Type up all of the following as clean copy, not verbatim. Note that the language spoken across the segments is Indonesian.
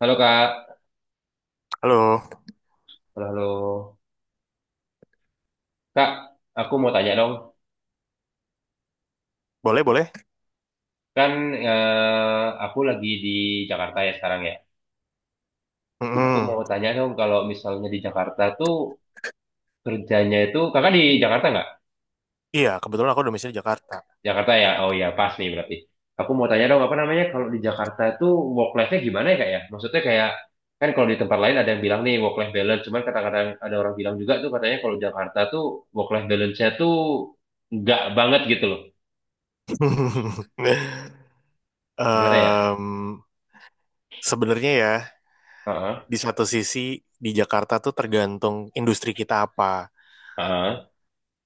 Halo Kak, Halo, halo halo. Kak, aku mau tanya dong. boleh boleh. Kan aku lagi di Jakarta ya sekarang ya. Aku mau Mm-mm. tanya dong kalau misalnya di Jakarta tuh kerjanya itu Kakak di Jakarta nggak? Iya, kebetulan aku domisili Jakarta. Jakarta ya. Oh ya, pas nih berarti. Aku mau tanya dong apa namanya kalau di Jakarta tuh work life-nya gimana ya Kak ya? Maksudnya kayak kan kalau di tempat lain ada yang bilang nih work life balance, cuman kadang-kadang ada orang bilang juga tuh katanya kalau Jakarta tuh work life balance-nya tuh nggak banget gitu loh. Gimana ya? Em, Sebenarnya ya, Heeh, di satu sisi di Jakarta tuh tergantung industri kita apa. heeh.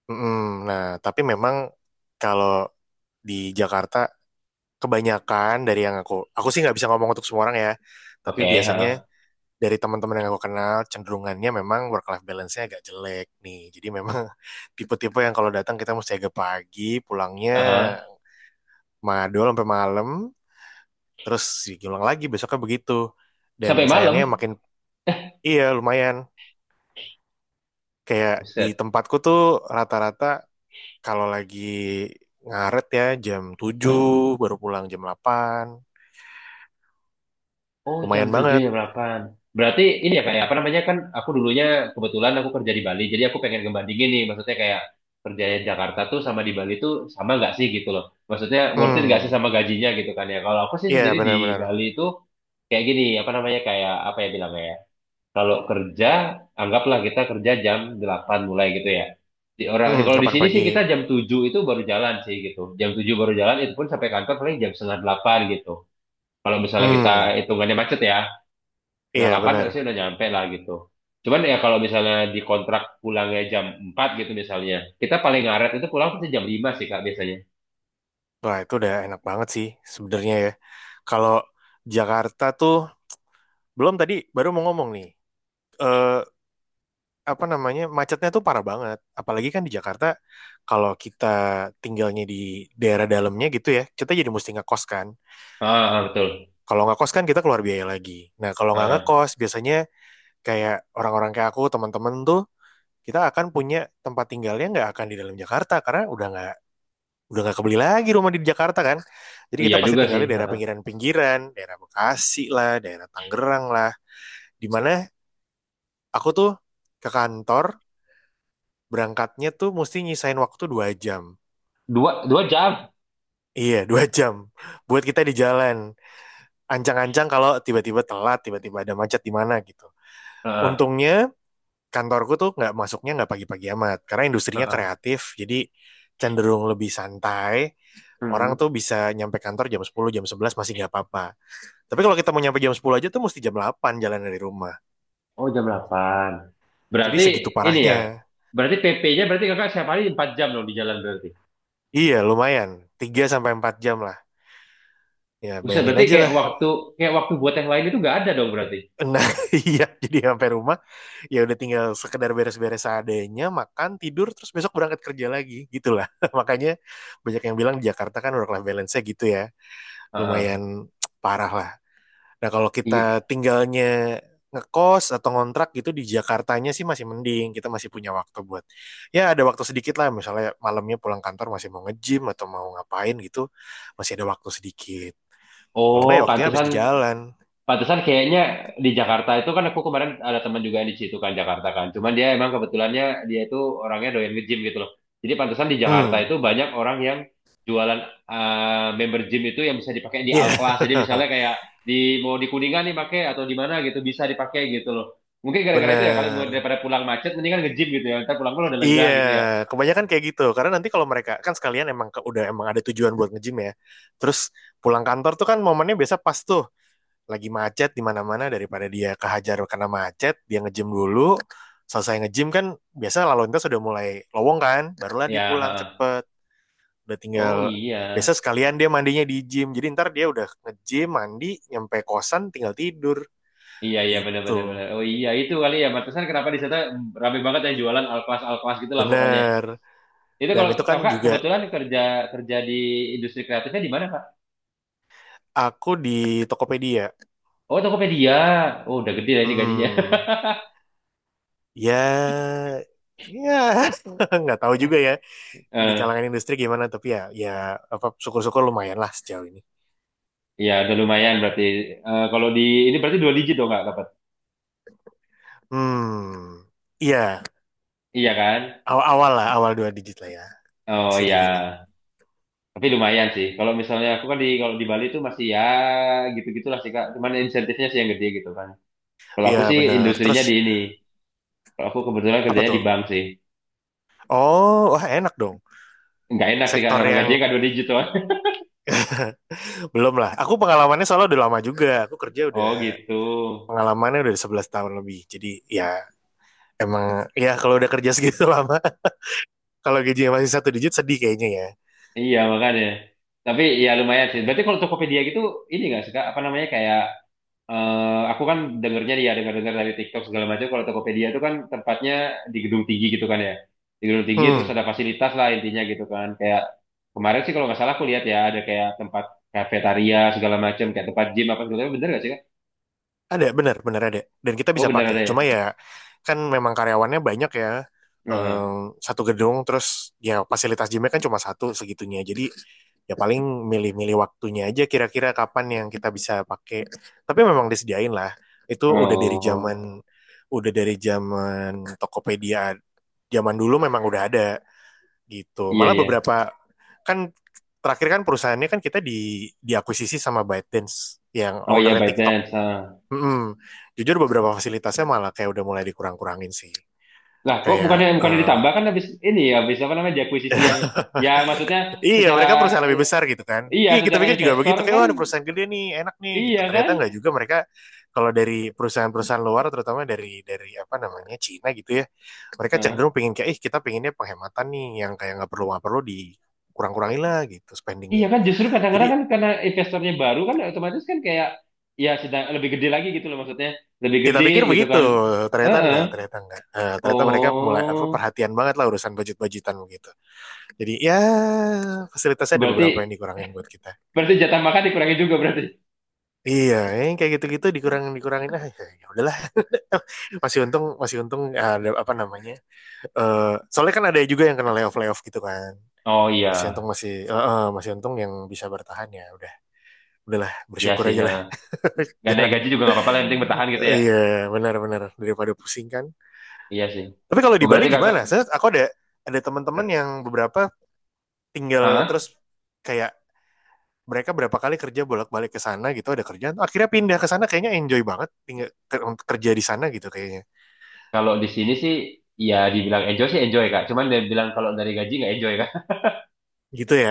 Mm-mm. Nah, tapi memang kalau di Jakarta kebanyakan dari yang aku sih nggak bisa ngomong untuk semua orang ya. Tapi Oke, biasanya heeh. dari teman-teman yang aku kenal cenderungannya memang work life balance-nya agak jelek nih. Jadi memang tipe-tipe yang kalau datang kita mesti agak pagi, pulangnya Heeh. madol sampai malam terus diulang lagi besoknya begitu dan Sampai sayangnya malam. makin. Iya, lumayan, kayak di Buset. tempatku tuh rata-rata kalau lagi ngaret ya jam 7 baru pulang jam 8. Oh, jam Lumayan tujuh banget. jam delapan. Berarti ini ya kayak apa namanya kan aku dulunya kebetulan aku kerja di Bali. Jadi aku pengen ngebandingin nih maksudnya kayak kerja di Jakarta tuh sama di Bali tuh sama nggak sih gitu loh. Maksudnya worth it nggak sih hmm sama gajinya gitu kan ya. Kalau aku sih iya, sendiri di benar-benar. Bali itu kayak gini apa namanya kayak apa ya bilangnya ya. Kalau kerja anggaplah kita kerja jam 8 mulai gitu ya. Di orang di kalau di Delapan sini pagi. sih kita jam 7 itu baru jalan sih gitu. Jam 7 baru jalan itu pun sampai kantor paling jam setengah 8 gitu. Kalau misalnya kita hmm hitungannya macet ya, setengah iya, 8 benar. sih udah nyampe lah gitu. Cuman ya kalau misalnya di kontrak pulangnya jam 4 gitu misalnya, kita paling ngaret itu pulang pasti jam 5 sih Kak biasanya. Wah, itu udah enak banget sih sebenarnya ya. Kalau Jakarta tuh belum, tadi baru mau ngomong nih. Eh Apa namanya, macetnya tuh parah banget, apalagi kan di Jakarta kalau kita tinggalnya di daerah dalamnya gitu ya, kita jadi mesti ngekos kan. Ah, ah, betul. Kalau nggak kos kan kita keluar biaya lagi. Nah, kalau Ah, nggak ah. ngekos biasanya kayak orang-orang kayak aku teman-teman tuh kita akan punya tempat tinggalnya nggak akan di dalam Jakarta karena udah nggak kebeli lagi rumah di Jakarta kan. Jadi Iya kita pasti juga tinggal sih. di Ah, daerah ah. pinggiran-pinggiran, daerah Bekasi lah, daerah Tangerang lah, dimana aku tuh ke kantor berangkatnya tuh mesti nyisain waktu 2 jam. Dua jam. Iya, dua jam. Buat kita di jalan. Ancang-ancang kalau tiba-tiba telat, tiba-tiba ada macet di mana gitu. Ah, Untungnya kantorku tuh nggak masuknya nggak pagi-pagi amat. Karena ah, industrinya ah, ah. kreatif, jadi cenderung lebih santai. Orang Hmm. tuh bisa nyampe kantor jam 10 jam 11 masih nggak apa-apa. Tapi kalau kita mau nyampe jam 10 aja tuh mesti jam 8 jalan dari rumah. Oh jam 8. Jadi Berarti segitu ini parahnya. ya, berarti PP-nya berarti kakak setiap hari 4 jam dong di jalan berarti. Iya, lumayan. 3 sampai 4 jam lah. Ya, Buset, bayangin berarti aja lah. Kayak waktu buat yang lain itu nggak ada dong berarti. Nah, iya, jadi sampai rumah ya udah tinggal sekedar beres-beres seadanya, makan, tidur, terus besok berangkat kerja lagi, gitulah. Makanya banyak yang bilang di Jakarta kan work life balance-nya gitu ya, Ah, ah. lumayan parah lah. Nah, kalau Iya. kita tinggalnya ngekos atau ngontrak gitu di Jakartanya sih masih mending, kita masih punya waktu buat, ya ada waktu sedikit lah, misalnya malamnya pulang kantor masih mau nge-gym atau mau ngapain gitu, masih ada waktu sedikit. Kalau Oh, enggak ya waktunya habis pantesan. di jalan. Pantesan kayaknya di Jakarta itu kan aku kemarin ada teman juga yang di situ kan Jakarta kan. Cuman dia emang kebetulannya dia itu orangnya doyan nge-gym gitu loh. Jadi pantesan di Jakarta hmm itu banyak orang yang jualan eh, member gym itu yang bisa dipakai di iya, al class. Jadi yeah. misalnya kayak di mau di Kuningan nih pakai atau di mana gitu bisa dipakai gitu loh. Mungkin gara-gara itu ya kali Bener. daripada pulang macet mendingan nge-gym gitu ya. Ntar pulang-pulang udah lega Iya, gitu ya. kebanyakan kayak gitu. Karena nanti kalau mereka kan sekalian emang udah emang ada tujuan buat nge-gym ya. Terus pulang kantor tuh kan momennya biasa pas tuh lagi macet di mana-mana, daripada dia kehajar karena macet, dia nge-gym dulu. Selesai nge-gym kan biasa lalu lintas sudah mulai lowong kan, barulah dia Ya, pulang heeh. cepet. Udah tinggal Oh biasa iya. sekalian dia mandinya di gym. Jadi ntar dia udah nge-gym, mandi, nyampe kosan tinggal tidur Iya iya benar benar gitu. benar. Oh iya itu kali ya. Pantesan kenapa di sana rame banget yang jualan al class gitu lah pokoknya. Bener. Itu Dan kalau itu kan kakak juga kebetulan kerja kerja di industri kreatifnya di mana kak? aku di Tokopedia. Oh Tokopedia. Oh udah gede lah ini gajinya. Hmm. Ya, ya nggak tahu juga ya di Eh, kalangan industri gimana, tapi ya, apa syukur-syukur lumayan lah sejauh ini. Iya udah lumayan berarti. Kalau di ini berarti dua digit dong kak dapat. Hmm, iya, Iya kan? awal-awal lah, awal dua digit lah ya, Oh bisa iya. dibilang. Tapi lumayan sih. Kalau misalnya aku kan di kalau di Bali itu masih ya gitu-gitulah sih kak. Cuman insentifnya sih yang gede gitu kan. Kalau Iya aku sih bener. industrinya Terus di ini. Kalau aku kebetulan apa kerjanya di tuh? bank sih. Oh, wah enak dong. Nggak enak sih kak Sektor orang yang gajinya nggak dua digit tuh. belum lah. Aku pengalamannya soalnya udah lama juga. Aku kerja udah Oh gitu. pengalamannya udah 11 tahun lebih. Jadi ya emang, ya kalau udah kerja segitu lama, kalau gajinya masih satu digit sedih kayaknya ya. Iya makanya. Tapi ya lumayan sih. Berarti kalau Tokopedia gitu ini nggak suka apa namanya kayak aku kan dengernya dia dengar-dengar dari TikTok segala macam. Kalau Tokopedia itu kan tempatnya di gedung tinggi gitu kan ya. Di gedung tinggi terus Hmm. ada fasilitas lah intinya gitu kan. Kayak kemarin sih kalau nggak salah aku lihat ya ada kayak tempat kafetaria segala macam kayak tempat gym apa segala macam. Bener nggak sih kak? Ada, benar, benar ada. Dan kita bisa Oh bener pakai. ada Cuma ya. ya, kan memang karyawannya banyak ya. Heeh. Satu gedung, terus ya fasilitas gymnya kan cuma satu segitunya. Jadi ya paling milih-milih waktunya aja kira-kira kapan yang kita bisa pakai. Tapi memang disediain lah. Itu udah dari Oh zaman, udah dari zaman Tokopedia. Zaman dulu memang udah ada gitu. iya Malah iya. beberapa, kan terakhir kan perusahaannya kan kita diakuisisi sama ByteDance yang Oh iya ownernya TikTok. ByteDance. Ha. Mm-mm. Jujur beberapa fasilitasnya malah kayak udah mulai dikurang-kurangin sih. Lah, kok Kayak, bukannya bukannya eh ditambah kan habis ini ya, habis apa namanya di akuisisi yang ya maksudnya iya, secara mereka perusahaan lebih eh, besar gitu kan. iya Iya, kita secara pikir juga investor begitu kayak kan wah ada perusahaan gede nih, enak nih gitu. iya Ternyata kan? nggak juga, mereka kalau dari perusahaan-perusahaan luar, terutama dari apa namanya Cina gitu ya. Mereka Heeh. cenderung pengen kayak ih kita pengennya penghematan nih, yang kayak nggak perlu dikurang-kurangin lah gitu spendingnya. Iya kan justru kadang-kadang Jadi kan karena investornya baru kan otomatis kan kayak ya sedang lebih gede lagi gitu loh maksudnya, lebih kita gede pikir gitu begitu, kan. ternyata Heeh. enggak, ternyata enggak. Ternyata mereka mulai apa Oh, perhatian banget lah urusan budget-budgetan begitu. Jadi ya fasilitasnya ada beberapa yang berarti dikurangin buat kita. berarti jatah makan dikurangi juga berarti. Iya, yang kayak gitu-gitu dikurangin dikurangin, ah ya, ya udahlah. Masih untung, masih untung ada apa namanya? Eh, Soalnya kan ada juga yang kena layoff layoff gitu kan. Oh iya, Masih untung, masih untung yang bisa bertahan, ya udah. Udahlah, iya bersyukur sih. aja lah. Heeh. Gak naik Jangan. gaji juga nggak apa-apa lah, yang penting bertahan gitu Oh, ya. iya, benar-benar, daripada pusing kan. Iya sih. Tapi kalau Oh di Bali berarti kakak, gimana? Aku ada teman-teman yang beberapa tinggal, Hah? terus kayak mereka berapa kali kerja bolak-balik ke sana gitu, ada kerjaan akhirnya pindah ke sana, kayaknya enjoy banget tinggal kerja di sana gitu kayaknya, Kalau di sini sih, ya dibilang enjoy sih enjoy Kak. Cuman dia bilang kalau dari gaji nggak enjoy Kak. gitu ya.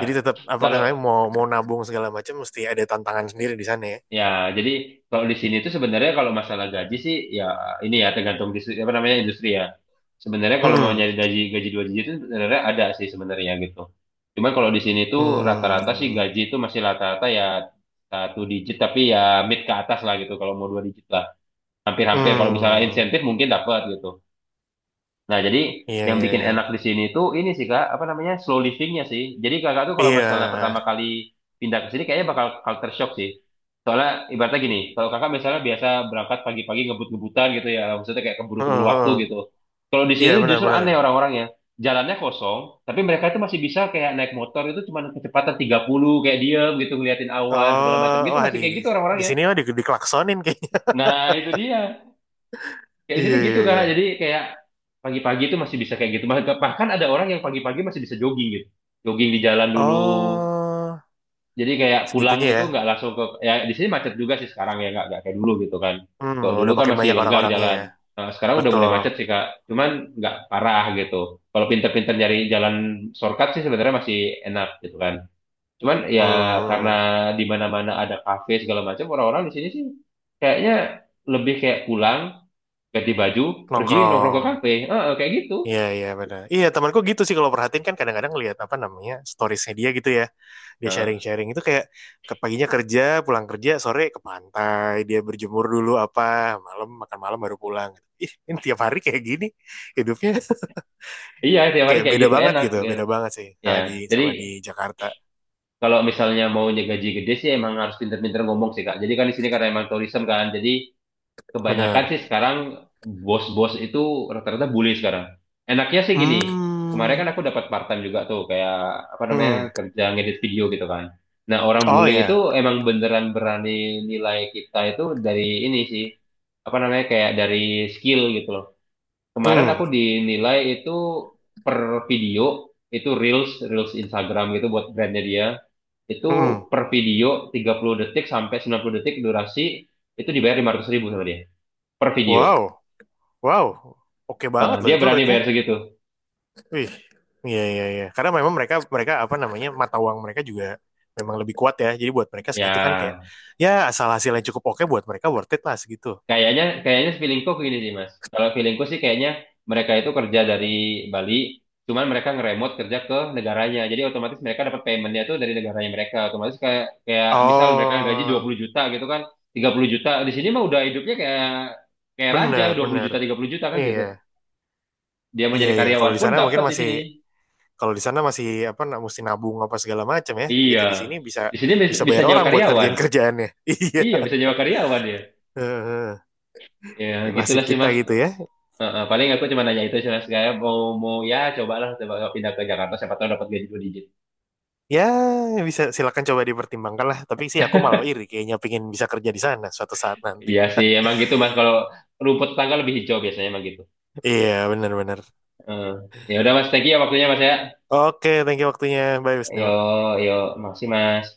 Jadi tetap apa kalau namanya, mau mau nabung segala macam mesti ada tantangan sendiri di sana ya. ya jadi kalau di sini itu sebenarnya kalau masalah gaji sih ya ini ya tergantung dis- apa namanya industri ya. Sebenarnya kalau mau Hmm. nyari gaji gaji dua digit itu sebenarnya ada sih sebenarnya gitu. Cuman kalau di sini tuh rata-rata sih gaji Hmm. itu masih rata-rata ya satu digit tapi ya mid ke atas lah gitu kalau mau dua digit lah. Hampir-hampir kalau misalnya Hmm. insentif mungkin dapat gitu. Nah, jadi Iya, yang iya, bikin iya, enak di sini tuh ini sih Kak, apa namanya? Slow livingnya sih. Jadi Kakak tuh kalau iya. misalnya pertama kali pindah ke sini kayaknya bakal culture shock sih. Soalnya ibaratnya gini, kalau Kakak misalnya biasa berangkat pagi-pagi ngebut-ngebutan gitu ya, maksudnya kayak keburu-keburu Heeh, waktu heeh. gitu. Kalau di sini Iya, tuh justru benar-benar. aneh orang-orangnya. Jalannya kosong, tapi mereka itu masih bisa kayak naik motor itu cuma kecepatan 30, kayak diem gitu ngeliatin awan segala macam Oh, gitu wah, masih kayak di gitu di orang-orangnya. sini mah, dikelaksonin kayaknya. Nah, itu dia. Kayak di Iya, sini gitu iya, kak, iya. jadi kayak pagi-pagi itu masih bisa kayak gitu. Bahkan ada orang yang pagi-pagi masih bisa jogging gitu, jogging di jalan dulu. Oh, Jadi kayak pulang segitunya ya. itu nggak langsung ke, ya di sini macet juga sih sekarang ya nggak kayak dulu gitu kan. Kalau dulu Udah kan makin masih banyak lenggang orang-orangnya jalan. ya. Nah, sekarang udah mulai Betul. macet sih kak, cuman nggak parah gitu. Kalau pinter-pinter nyari jalan shortcut sih sebenarnya masih enak gitu kan. Cuman ya karena Hmm. Hmm. di mana-mana ada kafe segala macam, orang-orang di sini sih kayaknya lebih kayak pulang ganti baju pergi nongkrong ke Nongkrong. kafe ah ah, kayak gitu. Iya, iya benar. Iya, temanku gitu sih kalau perhatiin, kan kadang-kadang lihat apa namanya storiesnya dia gitu ya. Dia Heeh. sharing-sharing itu kayak ke paginya kerja, pulang kerja, sore ke pantai, dia berjemur dulu apa, malam makan malam baru pulang. Ih, ini tiap hari kayak gini hidupnya. Iya tiap hari Kayak kayak beda gitu banget enak gitu, gitu. beda banget sih Ya sama di jadi sama di Jakarta. kalau misalnya mau gaji gede sih emang harus pinter-pinter ngomong sih kak jadi kan di sini karena emang tourism kan jadi kebanyakan Benar. sih sekarang bos-bos itu rata-rata bully sekarang enaknya sih gini kemarin Hmm. kan aku dapat part time juga tuh kayak apa namanya Hmm. kerja ngedit video gitu kan nah orang Oh bule itu ya. emang beneran berani nilai kita itu dari ini sih apa namanya kayak dari skill gitu loh. Kemarin Hmm. aku dinilai itu per video, itu Reels, Reels Instagram gitu buat brandnya dia. Itu Hmm. per video 30 detik sampai 90 detik durasi, itu dibayar Rp500.000 sama dia. Per video. Wow. Wow. Oke Heeh, banget loh dia itu berani rate-nya. bayar segitu. Wih, iya, iya, iya. Karena memang mereka mereka apa namanya mata uang mereka juga memang lebih kuat ya. Jadi buat mereka segitu kan kayak Ya, ya asal hasilnya cukup oke buat mereka worth it lah segitu. kayaknya, kayaknya feelingku gini sih, Mas. Kalau feelingku sih kayaknya mereka itu kerja dari Bali, cuman mereka ngeremote kerja ke negaranya. Jadi otomatis mereka dapat paymentnya tuh dari negaranya mereka. Otomatis kayak, kayak misal mereka gaji dua Oh, puluh juta gitu kan, 30 juta. Di sini mah udah hidupnya kayak kayak raja, benar 20 benar. juta, 30 juta kan gitu. Iya, Dia mau iya, nyari iya. Kalau karyawan di pun sana mungkin dapat di masih sini. kalau di sana masih apa mesti nabung apa segala macam ya. Iya. Begitu di sini bisa Di sini bisa bisa bayar nyewa orang buat karyawan. ngerjain kerjaannya. Iya. Iya, bisa nyewa karyawan ya. Heeh. Ya, Nasib gitulah sih, kita Mas. gitu ya. Heeh, paling aku cuma nanya itu sih mas kayak mau mau ya cobalah coba kalau pindah ke Jakarta siapa tahu dapat gaji dua digit. Ya bisa, silakan coba dipertimbangkan lah. Tapi sih aku malah iri kayaknya pingin bisa kerja di sana suatu saat nanti. Iya sih emang gitu mas kalau rumput tetangga lebih hijau biasanya emang gitu. Iya, benar-benar. Heeh. Ya udah mas thank you ya waktunya mas ya. Oke, thank you waktunya. Bye, Wisnu. Yo yo makasih mas.